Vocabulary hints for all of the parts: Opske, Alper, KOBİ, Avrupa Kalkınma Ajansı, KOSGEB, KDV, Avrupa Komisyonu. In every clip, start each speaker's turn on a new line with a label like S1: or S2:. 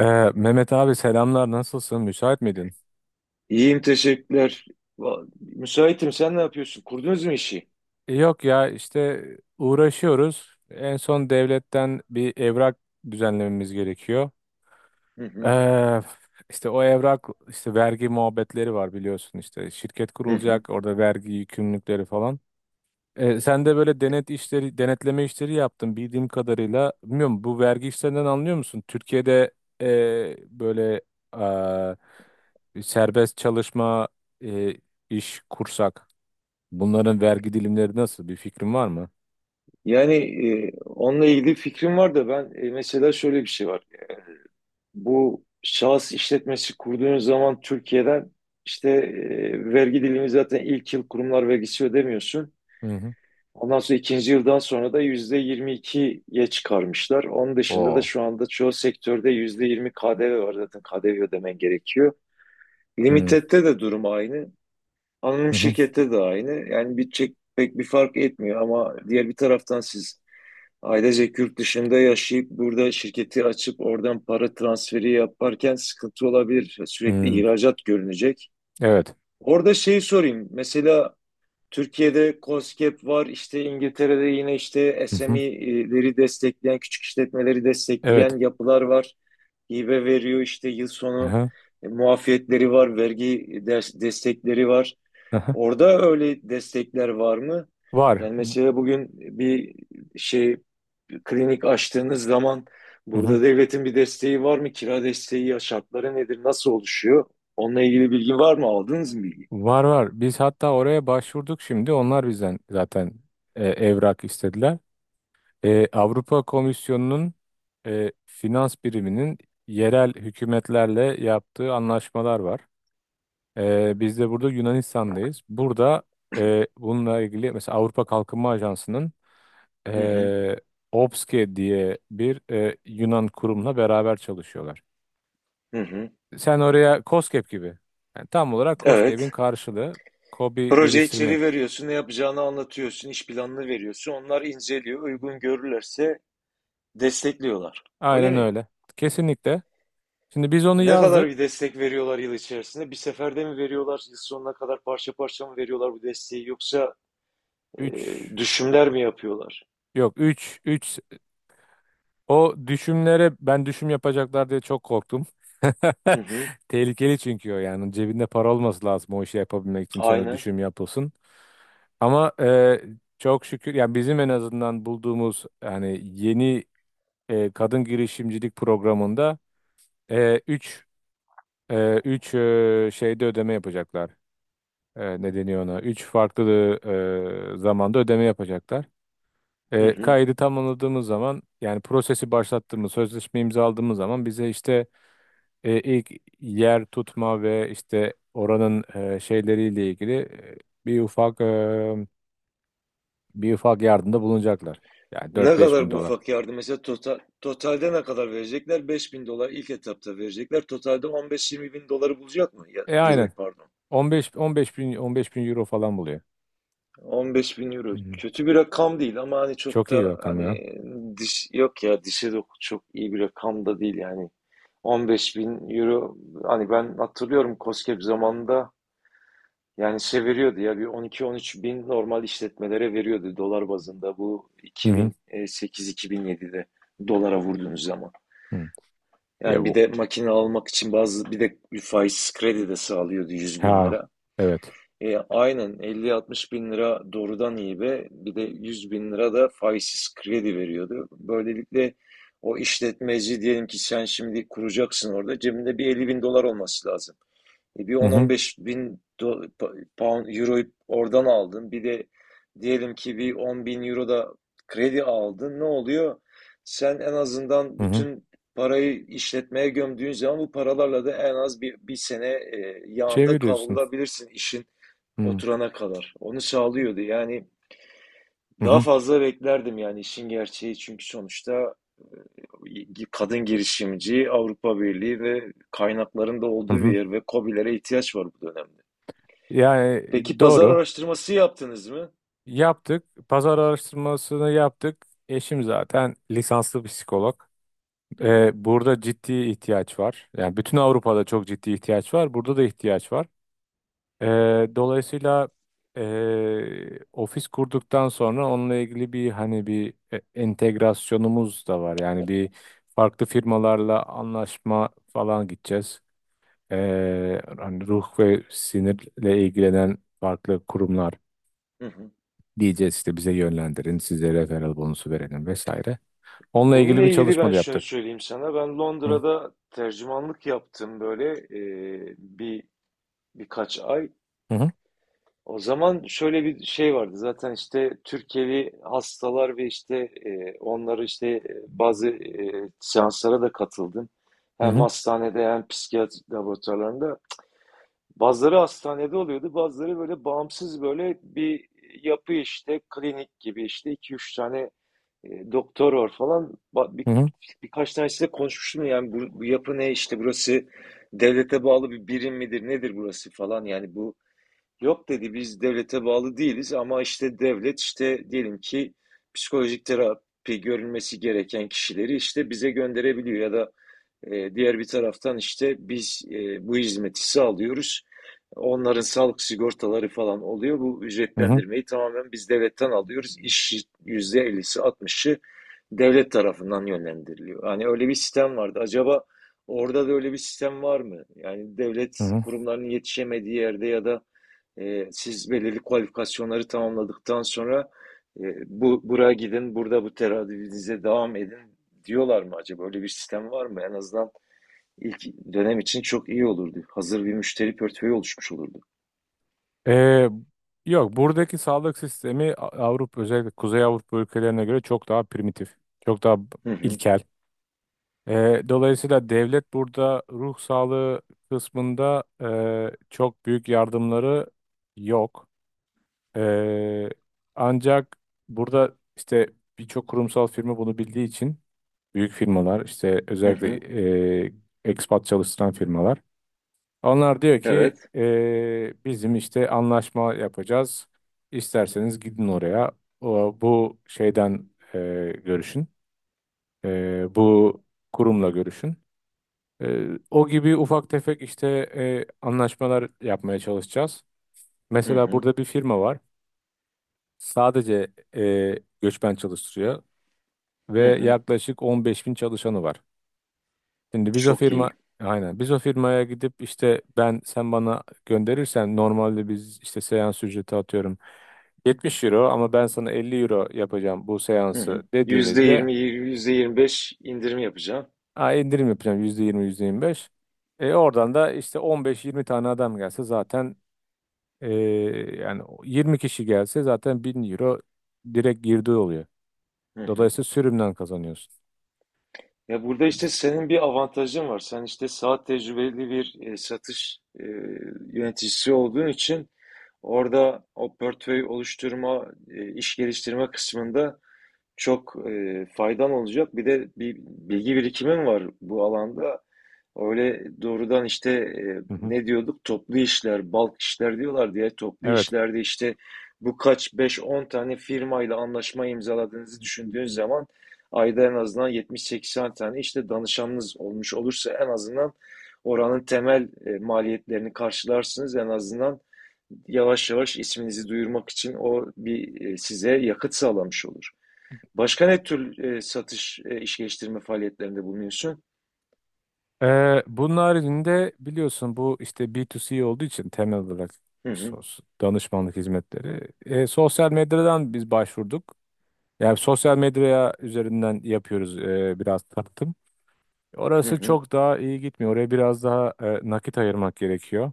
S1: Mehmet abi, selamlar. Nasılsın, müsait miydin?
S2: İyiyim teşekkürler. Müsaitim, sen ne yapıyorsun? Kurdunuz mu işi?
S1: Yok ya, işte uğraşıyoruz. En son devletten bir evrak düzenlememiz gerekiyor.
S2: Hı hı,
S1: Ee, işte o evrak, işte vergi muhabbetleri var biliyorsun, işte şirket
S2: hı hı.
S1: kurulacak, orada vergi yükümlülükleri falan. Sen de böyle denetleme işleri yaptın bildiğim kadarıyla. Bilmiyorum, bu vergi işlerinden anlıyor musun? Türkiye'de e, böyle serbest çalışma e, iş kursak. Bunların vergi dilimleri nasıl? Bir fikrin var mı?
S2: Yani onunla ilgili fikrim var da ben, mesela şöyle bir şey var. Bu şahıs işletmesi kurduğunuz zaman Türkiye'den işte vergi dilimi zaten ilk yıl kurumlar vergisi ödemiyorsun.
S1: Hı hı.
S2: Ondan sonra ikinci yıldan sonra da %22'ye çıkarmışlar. Onun dışında da
S1: Oo.
S2: şu anda çoğu sektörde yüzde 20 KDV var, zaten KDV ödemen gerekiyor.
S1: Hı
S2: Limitette de durum aynı. Anonim
S1: hı. Hı.
S2: şirkette de aynı. Yani bitecek pek bir fark etmiyor ama diğer bir taraftan siz ailecek yurt dışında yaşayıp burada şirketi açıp oradan para transferi yaparken sıkıntı olabilir. Sürekli
S1: Hı.
S2: ihracat görünecek.
S1: Evet.
S2: Orada şeyi sorayım. Mesela Türkiye'de KOSGEB var, işte İngiltere'de yine işte
S1: Hı hı.
S2: SME'leri destekleyen, küçük işletmeleri destekleyen
S1: Evet.
S2: yapılar var. Hibe veriyor, işte yıl
S1: Hı
S2: sonu
S1: hı.
S2: muafiyetleri var, vergi destekleri var.
S1: Hı hı.
S2: Orada öyle destekler var mı?
S1: Var.
S2: Yani mesela bugün bir şey klinik açtığınız zaman
S1: Hı hı.
S2: burada devletin bir desteği var mı? Kira desteği ya, şartları nedir? Nasıl oluşuyor? Onunla ilgili bilgi var mı? Aldınız mı bilgi?
S1: Var, var. Biz hatta oraya başvurduk şimdi. Onlar bizden zaten evrak istediler. Avrupa Komisyonu'nun finans biriminin yerel hükümetlerle yaptığı anlaşmalar var. Biz de burada Yunanistan'dayız. Burada bununla ilgili mesela Avrupa Kalkınma Ajansı'nın
S2: Hı hı.
S1: e, Opske diye bir Yunan kurumla beraber çalışıyorlar.
S2: Hı hı.
S1: Sen oraya KOSGEB gibi. Yani tam olarak KOSGEB'in
S2: Evet.
S1: karşılığı KOBİ
S2: Proje
S1: geliştirme.
S2: içeriği veriyorsun, ne yapacağını anlatıyorsun, iş planını veriyorsun. Onlar inceliyor, uygun görürlerse destekliyorlar. Öyle
S1: Aynen
S2: mi?
S1: öyle. Kesinlikle. Şimdi biz onu
S2: Ne kadar
S1: yazdık.
S2: bir destek veriyorlar yıl içerisinde? Bir seferde mi veriyorlar, yıl sonuna kadar parça parça mı veriyorlar bu desteği, yoksa e,
S1: 3.
S2: düşümler mi yapıyorlar?
S1: Yok, 3. O düşümlere ben düşüm yapacaklar diye çok korktum.
S2: Hı hı,
S1: Tehlikeli, çünkü o yani cebinde para olması lazım o işi yapabilmek için, sonra
S2: aynen.
S1: düşüm yapılsın. Ama çok şükür, yani bizim en azından bulduğumuz, yani yeni kadın girişimcilik programında 3 3 şeyde ödeme yapacaklar. Ne deniyor ona? 3 farklı zamanda ödeme yapacaklar.
S2: Hı hı.
S1: Kaydı tamamladığımız zaman, yani prosesi başlattığımız, sözleşme imzaladığımız zaman bize işte ilk yer tutma ve işte oranın şeyleriyle ilgili bir ufak e, bir ufak yardımda bulunacaklar. Yani dört
S2: Ne
S1: beş bin
S2: kadar bu
S1: dolar.
S2: ufak yardım? Mesela totalde ne kadar verecekler? 5.000 dolar ilk etapta verecekler. Totalde 15-20 bin doları bulacak mı? Ya, euro
S1: Aynen.
S2: pardon.
S1: 15 bin euro falan buluyor.
S2: 15 bin euro.
S1: Hı hı.
S2: Kötü bir rakam değil ama hani çok
S1: Çok iyi bir
S2: da
S1: rakam ya.
S2: hani diş yok ya, dişe de çok iyi bir rakam da değil yani. 15 bin euro, hani ben hatırlıyorum KOSGEB zamanında yani şey veriyordu ya, bir 12-13 bin normal işletmelere veriyordu dolar bazında, bu
S1: Hı hı.
S2: 2008-2007'de dolara vurduğunuz zaman.
S1: Hı. Ya
S2: Yani bir
S1: bu.
S2: de makine almak için bazı, bir de bir faiz kredi de sağlıyordu, 100 bin
S1: Ha.
S2: lira.
S1: Evet.
S2: Aynen, 50-60 bin lira doğrudan hibe, bir de 100 bin lira da faizsiz kredi veriyordu. Böylelikle o işletmeci, diyelim ki sen şimdi kuracaksın, orada cebinde bir 50 bin dolar olması lazım. Bir
S1: Hı hı.
S2: 10-15 bin pound, euroyu oradan aldın, bir de diyelim ki bir 10 bin euro da kredi aldın, ne oluyor? Sen en azından
S1: Hı hı.
S2: bütün parayı işletmeye gömdüğün zaman, bu paralarla da en az bir sene yağında
S1: Çeviriyorsun.
S2: kavrulabilirsin. İşin
S1: Hı
S2: oturana kadar. Onu sağlıyordu. Yani daha
S1: hı.
S2: fazla beklerdim yani, işin gerçeği, çünkü sonuçta kadın girişimci, Avrupa Birliği ve kaynakların da
S1: Hı
S2: olduğu bir
S1: hı.
S2: yer ve KOBİ'lere ihtiyaç var bu dönemde.
S1: Yani
S2: Peki pazar
S1: doğru.
S2: araştırması yaptınız mı?
S1: Yaptık. Pazar araştırmasını yaptık. Eşim zaten lisanslı psikolog.
S2: Hı hı,
S1: Burada ciddi ihtiyaç var. Yani bütün Avrupa'da çok ciddi ihtiyaç var. Burada da ihtiyaç var. Ee, Dolayısıyla ofis kurduktan sonra onunla ilgili hani bir entegrasyonumuz da var. Yani bir farklı firmalarla anlaşma falan gideceğiz. Hani ruh ve sinirle ilgilenen farklı kurumlar.
S2: hı hı.
S1: Diyeceğiz işte, bize yönlendirin, size referral bonusu verelim vesaire. Onunla
S2: Bununla
S1: ilgili bir
S2: ilgili
S1: çalışma
S2: ben
S1: da
S2: şunu
S1: yaptık.
S2: söyleyeyim sana. Ben
S1: Hı
S2: Londra'da tercümanlık yaptım böyle, bir birkaç ay.
S1: hı hı
S2: O zaman şöyle bir şey vardı. Zaten işte Türkiye'li hastalar ve işte, onları işte, bazı seanslara da katıldım.
S1: hı
S2: Hem
S1: hı
S2: hastanede, hem psikiyatri laboratuvarlarında. Bazıları hastanede oluyordu, bazıları böyle bağımsız, böyle bir yapı işte, klinik gibi işte, iki üç tane doktor var falan. Birkaç tanesiyle konuşmuştum, yani bu, yapı ne işte, burası devlete bağlı bir birim midir, nedir burası falan, yani bu. Yok dedi, biz devlete bağlı değiliz ama işte devlet işte, diyelim ki psikolojik terapi görülmesi gereken kişileri işte bize gönderebiliyor ya da diğer bir taraftan işte biz, bu hizmeti sağlıyoruz. Onların sağlık sigortaları falan oluyor. Bu
S1: hı hı.
S2: ücretlendirmeyi tamamen biz devletten alıyoruz. İş yüzde 50'si, 60'ı devlet tarafından yönlendiriliyor. Hani öyle bir sistem vardı. Acaba orada da öyle bir sistem var mı? Yani devlet
S1: Hı.
S2: kurumlarının yetişemediği yerde ya da siz belirli kualifikasyonları tamamladıktan sonra bu buraya gidin, burada bu teradüvinize devam edin diyorlar mı acaba? Öyle bir sistem var mı? En azından ilk dönem için çok iyi olurdu. Hazır bir müşteri portföyü oluşmuş olurdu.
S1: Ee, Yok, buradaki sağlık sistemi, Avrupa, özellikle Kuzey Avrupa ülkelerine göre çok daha primitif, çok daha
S2: Hı hı,
S1: ilkel. Dolayısıyla devlet burada ruh sağlığı kısmında çok büyük yardımları yok. Ee, Ancak burada işte birçok kurumsal firma bunu bildiği için büyük firmalar, işte
S2: hı
S1: özellikle
S2: hı.
S1: e, expat çalıştıran firmalar. Onlar diyor ki
S2: Evet.
S1: bizim işte anlaşma yapacağız. İsterseniz gidin oraya. Bu şeyden görüşün. Bu kurumla görüşün. O gibi ufak tefek işte anlaşmalar yapmaya çalışacağız.
S2: Hı
S1: Mesela
S2: hı,
S1: burada bir firma var. Sadece e, göçmen çalıştırıyor ve
S2: hı hı.
S1: yaklaşık 15 bin çalışanı var. Şimdi biz o
S2: Çok
S1: firma
S2: iyi.
S1: Aynen, biz o firmaya gidip işte, ben sen bana gönderirsen normalde biz işte seans ücreti atıyorum 70 euro, ama ben sana 50 euro yapacağım bu
S2: Hı
S1: seansı
S2: hı.
S1: dediğimizde,
S2: %20, %25 indirim yapacağım.
S1: "Aa, indirim yapacağım %20, %25." Oradan da işte 15-20 tane adam gelse zaten, e, yani 20 kişi gelse zaten 1000 euro direkt girdi oluyor.
S2: Hı hı.
S1: Dolayısıyla sürümden kazanıyorsun.
S2: Ya, burada işte senin bir avantajın var. Sen işte saat tecrübeli bir satış yöneticisi olduğun için, orada o portföy oluşturma, iş geliştirme kısmında çok faydan olacak. Bir de bir bilgi birikimim var bu alanda. Öyle doğrudan işte,
S1: Hı hı.
S2: ne diyorduk? Toplu işler, balk işler diyorlar diye. Toplu
S1: Evet.
S2: işlerde işte, bu kaç beş on tane firmayla anlaşma imzaladığınızı düşündüğün zaman, ayda en azından 70-80 tane işte danışanınız olmuş olursa en azından oranın temel maliyetlerini karşılarsınız. En azından yavaş yavaş isminizi duyurmak için o bir size yakıt sağlamış olur. Başka ne tür satış, iş geliştirme faaliyetlerinde bulunuyorsun?
S1: Bunun haricinde biliyorsun bu işte B2C olduğu için temel olarak
S2: Hı hı,
S1: danışmanlık hizmetleri. Sosyal medyadan biz başvurduk. Yani sosyal medyaya üzerinden yapıyoruz biraz tanıtım.
S2: hı
S1: Orası
S2: hı.
S1: çok daha iyi gitmiyor. Oraya biraz daha nakit ayırmak gerekiyor.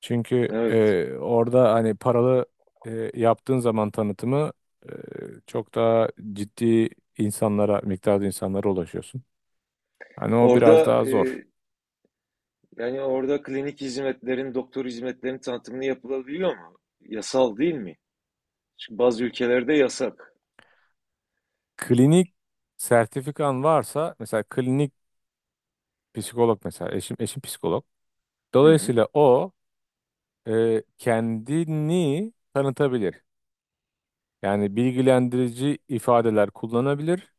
S1: Çünkü
S2: Evet.
S1: orada hani paralı yaptığın zaman tanıtımı, e, çok daha ciddi miktarda insanlara ulaşıyorsun. Hani o biraz
S2: Orada
S1: daha zor.
S2: yani orada klinik hizmetlerin, doktor hizmetlerin tanıtımını yapılabiliyor mu? Yasal değil mi? Çünkü bazı ülkelerde yasak.
S1: Klinik sertifikan varsa, mesela klinik psikolog, mesela eşim psikolog.
S2: Hı hı,
S1: Dolayısıyla o kendini tanıtabilir. Yani bilgilendirici ifadeler kullanabilir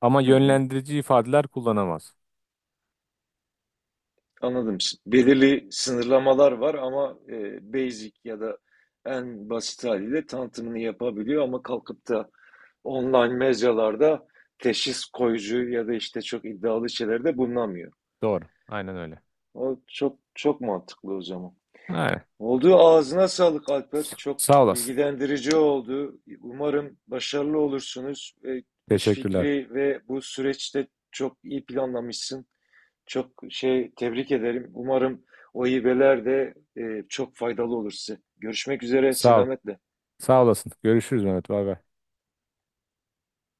S1: ama
S2: hı hı.
S1: yönlendirici ifadeler kullanamaz.
S2: Anladım. Belirli sınırlamalar var ama basic ya da en basit haliyle tanıtımını yapabiliyor, ama kalkıp da online mecralarda teşhis koyucu ya da işte çok iddialı şeylerde bulunamıyor.
S1: Doğru. Aynen öyle.
S2: O çok çok mantıklı o zaman.
S1: Aynen.
S2: Oldu. Ağzına sağlık Alper. Çok
S1: Sağ olasın.
S2: bilgilendirici oldu. Umarım başarılı olursunuz. İş
S1: Teşekkürler.
S2: fikri ve bu süreçte çok iyi planlamışsın. Çok şey tebrik ederim. Umarım o hibeler de çok faydalı olur size. Görüşmek üzere.
S1: Sağ ol.
S2: Selametle.
S1: Sağ olasın. Görüşürüz Mehmet. Bay bay.